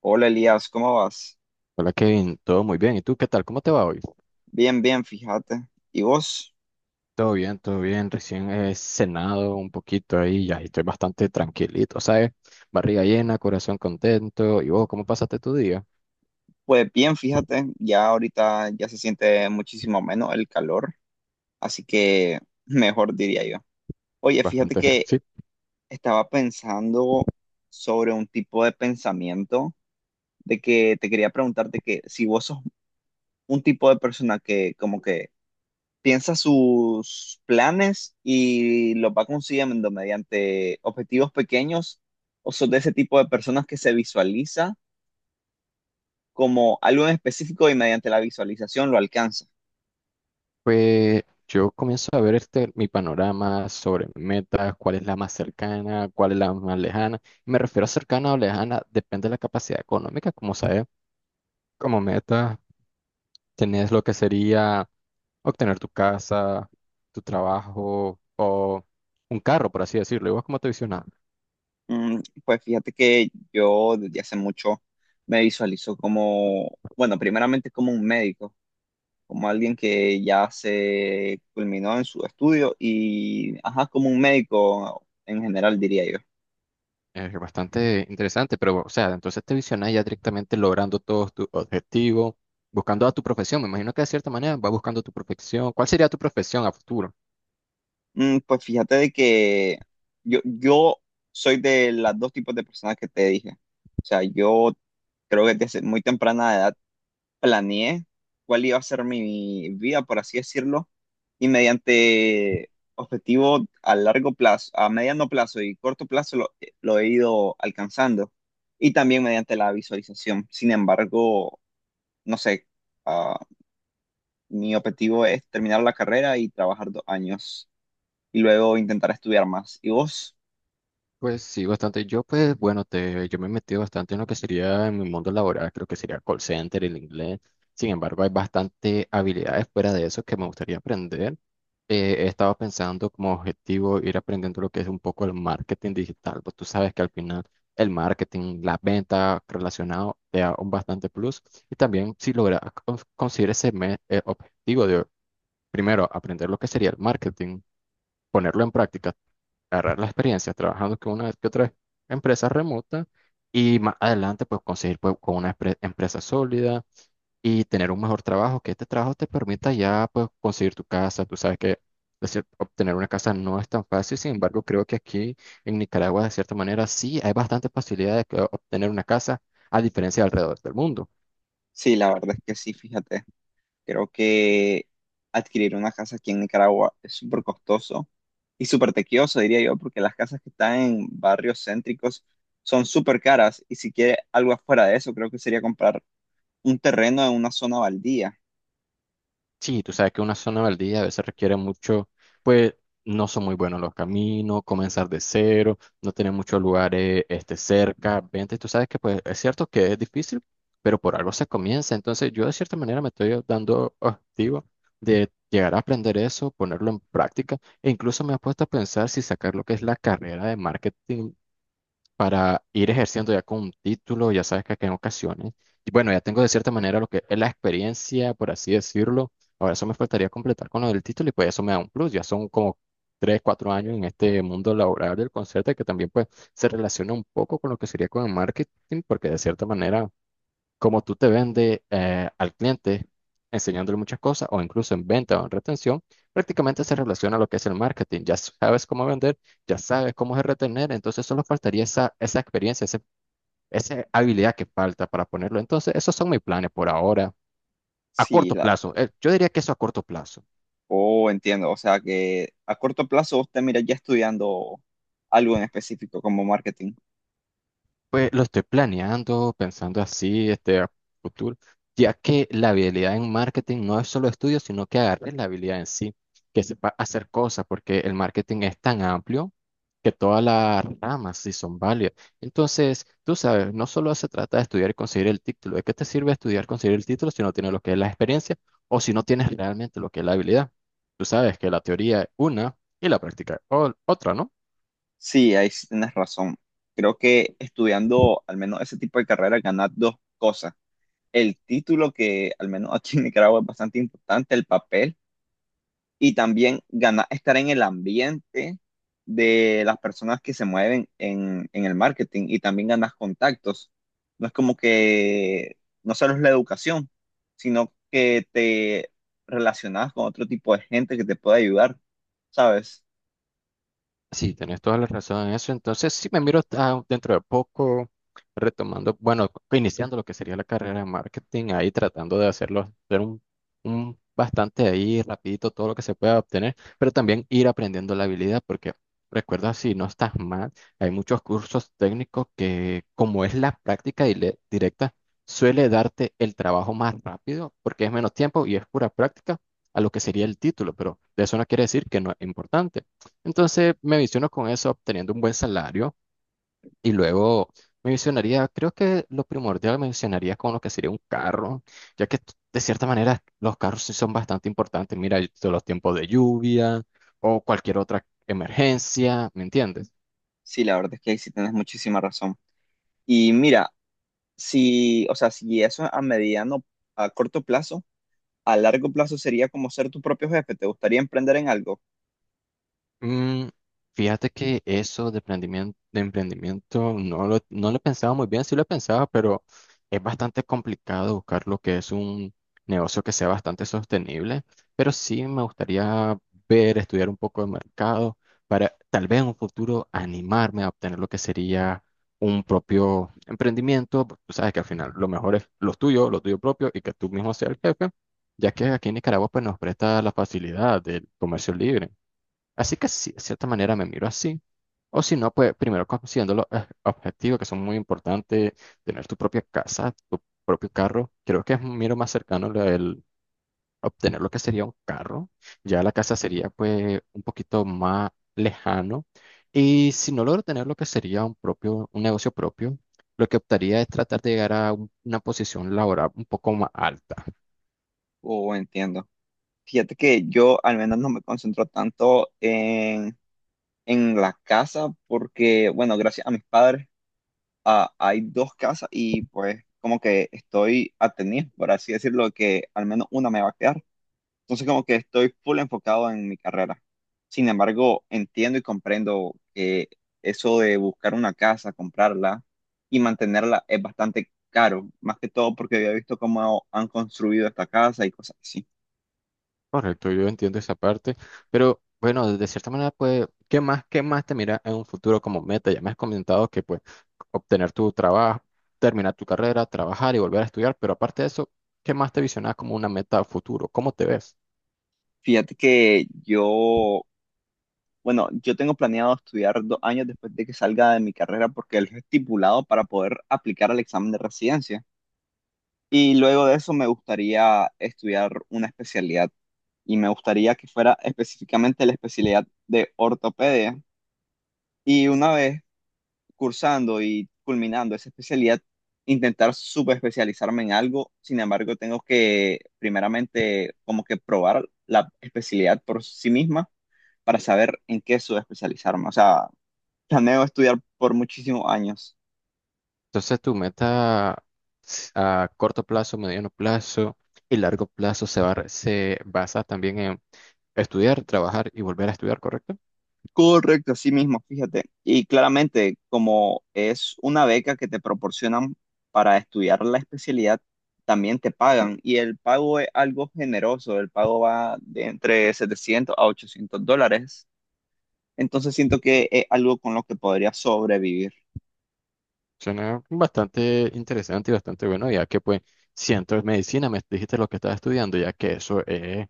Hola Elías, ¿cómo vas? Hola Kevin, todo muy bien. ¿Y tú qué tal? ¿Cómo te va hoy? Bien, bien, fíjate. ¿Y vos? Todo bien, todo bien. Recién he cenado un poquito ahí, ya y estoy bastante tranquilito, ¿sabes? Barriga llena, corazón contento. ¿Y vos cómo pasaste tu día? Pues bien, fíjate, ya ahorita ya se siente muchísimo menos el calor, así que mejor diría yo. Oye, fíjate Bastante fresco. que Sí, estaba pensando sobre un tipo de pensamiento de que te quería preguntarte que si vos sos un tipo de persona que como que piensa sus planes y los va consiguiendo mediante objetivos pequeños, o sos de ese tipo de personas que se visualiza como algo en específico y mediante la visualización lo alcanza. pues yo comienzo a ver este, mi panorama sobre metas, cuál es la más cercana, cuál es la más lejana. Me refiero a cercana o lejana, depende de la capacidad económica, como sabes. Como meta, tenés lo que sería obtener tu casa, tu trabajo o un carro, por así decirlo. ¿Y vos cómo te visionás? Mm. Pues fíjate que yo desde hace mucho me visualizo como, bueno, primeramente como un médico, como alguien que ya se culminó en su estudio y, ajá, como un médico en general, diría yo. Es bastante interesante, pero, o sea, entonces te visionás ya directamente logrando todos tus objetivos, buscando a tu profesión. Me imagino que de cierta manera vas buscando tu profesión. ¿Cuál sería tu profesión a futuro? Mm. Pues fíjate de que yo soy de las dos tipos de personas que te dije. O sea, yo creo que desde muy temprana edad planeé cuál iba a ser mi vida, por así decirlo, y mediante objetivos a largo plazo, a mediano plazo y corto plazo lo he ido alcanzando, y también mediante la visualización. Sin embargo, no sé, ah, mi objetivo es terminar la carrera y trabajar 2 años, y luego intentar estudiar más. ¿Y vos? Pues sí, bastante. Yo, pues, bueno, yo me he metido bastante en lo que sería en mi mundo laboral, creo que sería call center, el inglés. Sin embargo, hay bastante habilidades fuera de eso que me gustaría aprender. He estado pensando como objetivo ir aprendiendo lo que es un poco el marketing digital. Pues tú sabes que al final el marketing, las ventas relacionado te da un bastante plus. Y también si logras conseguir objetivo de primero aprender lo que sería el marketing, ponerlo en práctica, agarrar la experiencia trabajando con una que otra empresa remota y más adelante pues conseguir, pues, con una empresa sólida y tener un mejor trabajo, que este trabajo te permita ya pues conseguir tu casa. Tú sabes que decir, obtener una casa no es tan fácil. Sin embargo, creo que aquí en Nicaragua de cierta manera sí hay bastantes facilidad de que obtener una casa a diferencia de alrededor del mundo. Sí, la verdad es que sí, fíjate. Creo que adquirir una casa aquí en Nicaragua es súper costoso y súper tequioso, diría yo, porque las casas que están en barrios céntricos son súper caras y si quiere algo afuera de eso, creo que sería comprar un terreno en una zona baldía. Sí, tú sabes que una zona baldía a veces requiere mucho, pues no son muy buenos los caminos, comenzar de cero, no tener muchos lugares cerca, vente, tú sabes que pues es cierto que es difícil, pero por algo se comienza. Entonces yo de cierta manera me estoy dando objetivo de llegar a aprender eso, ponerlo en práctica, e incluso me he puesto a pensar si sacar lo que es la carrera de marketing para ir ejerciendo ya con un título. Ya sabes que en ocasiones, y bueno, ya tengo de cierta manera lo que es la experiencia, por así decirlo. Ahora eso me faltaría completar con lo del título y pues eso me da un plus. Ya son como 3, 4 años en este mundo laboral del concierto, que también pues se relaciona un poco con lo que sería con el marketing, porque de cierta manera como tú te vendes al cliente, enseñándole muchas cosas, o incluso en venta o en retención, prácticamente se relaciona a lo que es el marketing. Ya sabes cómo vender, ya sabes cómo es retener. Entonces solo faltaría esa experiencia, esa habilidad que falta para ponerlo. Entonces, esos son mis planes por ahora, a Sí, corto la, plazo. Yo diría que eso a corto plazo. oh, entiendo. O sea que a corto plazo usted mira ya estudiando algo en específico como marketing. Pues lo estoy planeando, pensando así, a futuro, ya que la habilidad en marketing no es solo estudio, sino que agarres la habilidad en sí, que sepa hacer cosas, porque el marketing es tan amplio que todas las ramas sí son válidas. Entonces, tú sabes, no solo se trata de estudiar y conseguir el título. ¿De qué te sirve estudiar, conseguir el título si no tienes lo que es la experiencia o si no tienes realmente lo que es la habilidad? Tú sabes que la teoría es una y la práctica es otra, ¿no? Sí, ahí sí tienes razón. Creo que estudiando al menos ese tipo de carrera ganas dos cosas. El título que al menos aquí en Nicaragua es bastante importante, el papel, y también ganar, estar en el ambiente de las personas que se mueven en el marketing y también ganas contactos. No es como que no solo es la educación, sino que te relacionas con otro tipo de gente que te puede ayudar, ¿sabes? Sí, tenés toda la razón en eso. Entonces, sí me miro dentro de poco retomando, bueno, iniciando lo que sería la carrera de marketing, ahí tratando de hacerlo, hacer un bastante ahí rapidito todo lo que se pueda obtener, pero también ir aprendiendo la habilidad, porque recuerda, si no estás mal, hay muchos cursos técnicos que, como es la práctica directa, suele darte el trabajo más rápido, porque es menos tiempo y es pura práctica a lo que sería el título, pero de eso no quiere decir que no es importante. Entonces me visiono con eso obteniendo un buen salario y luego me visionaría, creo que lo primordial me visionaría con lo que sería un carro, ya que de cierta manera los carros sí son bastante importantes. Mira, de los tiempos de lluvia o cualquier otra emergencia, ¿me entiendes? Sí, la verdad es que ahí sí tienes muchísima razón. Y mira, si, o sea, si eso a mediano, a corto plazo, a largo plazo sería como ser tu propio jefe. ¿Te gustaría emprender en algo? Mm, Fíjate que eso de emprendimiento no lo pensaba muy bien, sí lo pensaba, pero es bastante complicado buscar lo que es un negocio que sea bastante sostenible. Pero sí me gustaría ver, estudiar un poco de mercado para tal vez en un futuro animarme a obtener lo que sería un propio emprendimiento. Porque tú sabes que al final lo mejor es lo tuyo propio, y que tú mismo seas el jefe, ya que aquí en Nicaragua pues nos presta la facilidad del comercio libre. Así que sí, de cierta manera me miro así. O si no, pues primero considerando los objetivos que son muy importantes, tener tu propia casa, tu propio carro. Creo que es un miro más cercano lo del obtener lo que sería un carro. Ya la casa sería pues un poquito más lejano. Y si no logro tener lo que sería un propio, un negocio propio, lo que optaría es tratar de llegar a una posición laboral un poco más alta. O entiendo. Fíjate que yo al menos no me concentro tanto en la casa porque, bueno, gracias a mis padres hay dos casas y pues como que estoy atenido, por así decirlo, que al menos una me va a quedar. Entonces como que estoy full enfocado en mi carrera. Sin embargo, entiendo y comprendo que eso de buscar una casa, comprarla y mantenerla es bastante caro, más que todo porque había visto cómo han construido esta casa y cosas así. Correcto, yo entiendo esa parte, pero bueno, de cierta manera, pues, ¿qué más te mira en un futuro como meta? Ya me has comentado que, pues, obtener tu trabajo, terminar tu carrera, trabajar y volver a estudiar, pero aparte de eso, ¿qué más te visionas como una meta a futuro? ¿Cómo te ves? Fíjate que yo, bueno, yo tengo planeado estudiar 2 años después de que salga de mi carrera porque es lo estipulado para poder aplicar al examen de residencia. Y luego de eso me gustaría estudiar una especialidad y me gustaría que fuera específicamente la especialidad de ortopedia. Y una vez cursando y culminando esa especialidad, intentar subespecializarme en algo. Sin embargo, tengo que primeramente como que probar la especialidad por sí misma para saber en qué subespecializarme. O sea, planeo estudiar por muchísimos años. Entonces, tu meta a corto plazo, mediano plazo y largo plazo se va, se basa también en estudiar, trabajar y volver a estudiar, ¿correcto? Correcto, así mismo, fíjate. Y claramente, como es una beca que te proporcionan para estudiar la especialidad, también te pagan. Y el pago es algo generoso, el pago va de entre 700 a 800 dólares. Entonces siento que es algo con lo que podría sobrevivir. Suena bastante interesante y bastante bueno, ya que pues siento medicina, me dijiste lo que estás estudiando, ya que eso es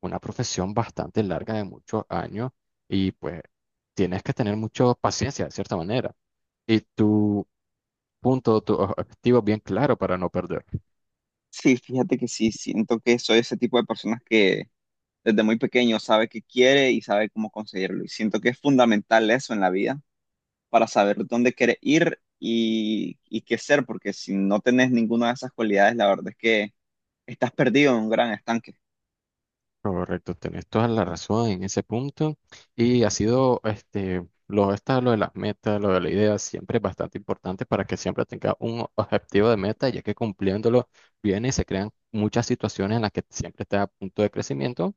una profesión bastante larga de muchos años, y pues tienes que tener mucha paciencia de cierta manera y tu punto, tu objetivo bien claro para no perder. Sí, fíjate que sí, siento que soy ese tipo de personas que desde muy pequeño sabe qué quiere y sabe cómo conseguirlo. Y siento que es fundamental eso en la vida para saber dónde quieres ir y qué ser, porque si no tenés ninguna de esas cualidades, la verdad es que estás perdido en un gran estanque. Correcto, tenés toda la razón en ese punto, y ha sido este lo esta lo de las metas, lo de la idea siempre es bastante importante para que siempre tenga un objetivo de meta, ya que cumpliéndolo bien y se crean muchas situaciones en las que siempre está a punto de crecimiento.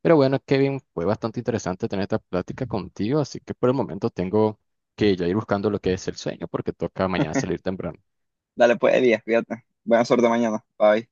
Pero bueno, Kevin, fue bastante interesante tener esta plática contigo, así que por el momento tengo que ya ir buscando lo que es el sueño porque toca mañana salir temprano. Dale pues, Elías, fíjate. Buena suerte mañana. Bye.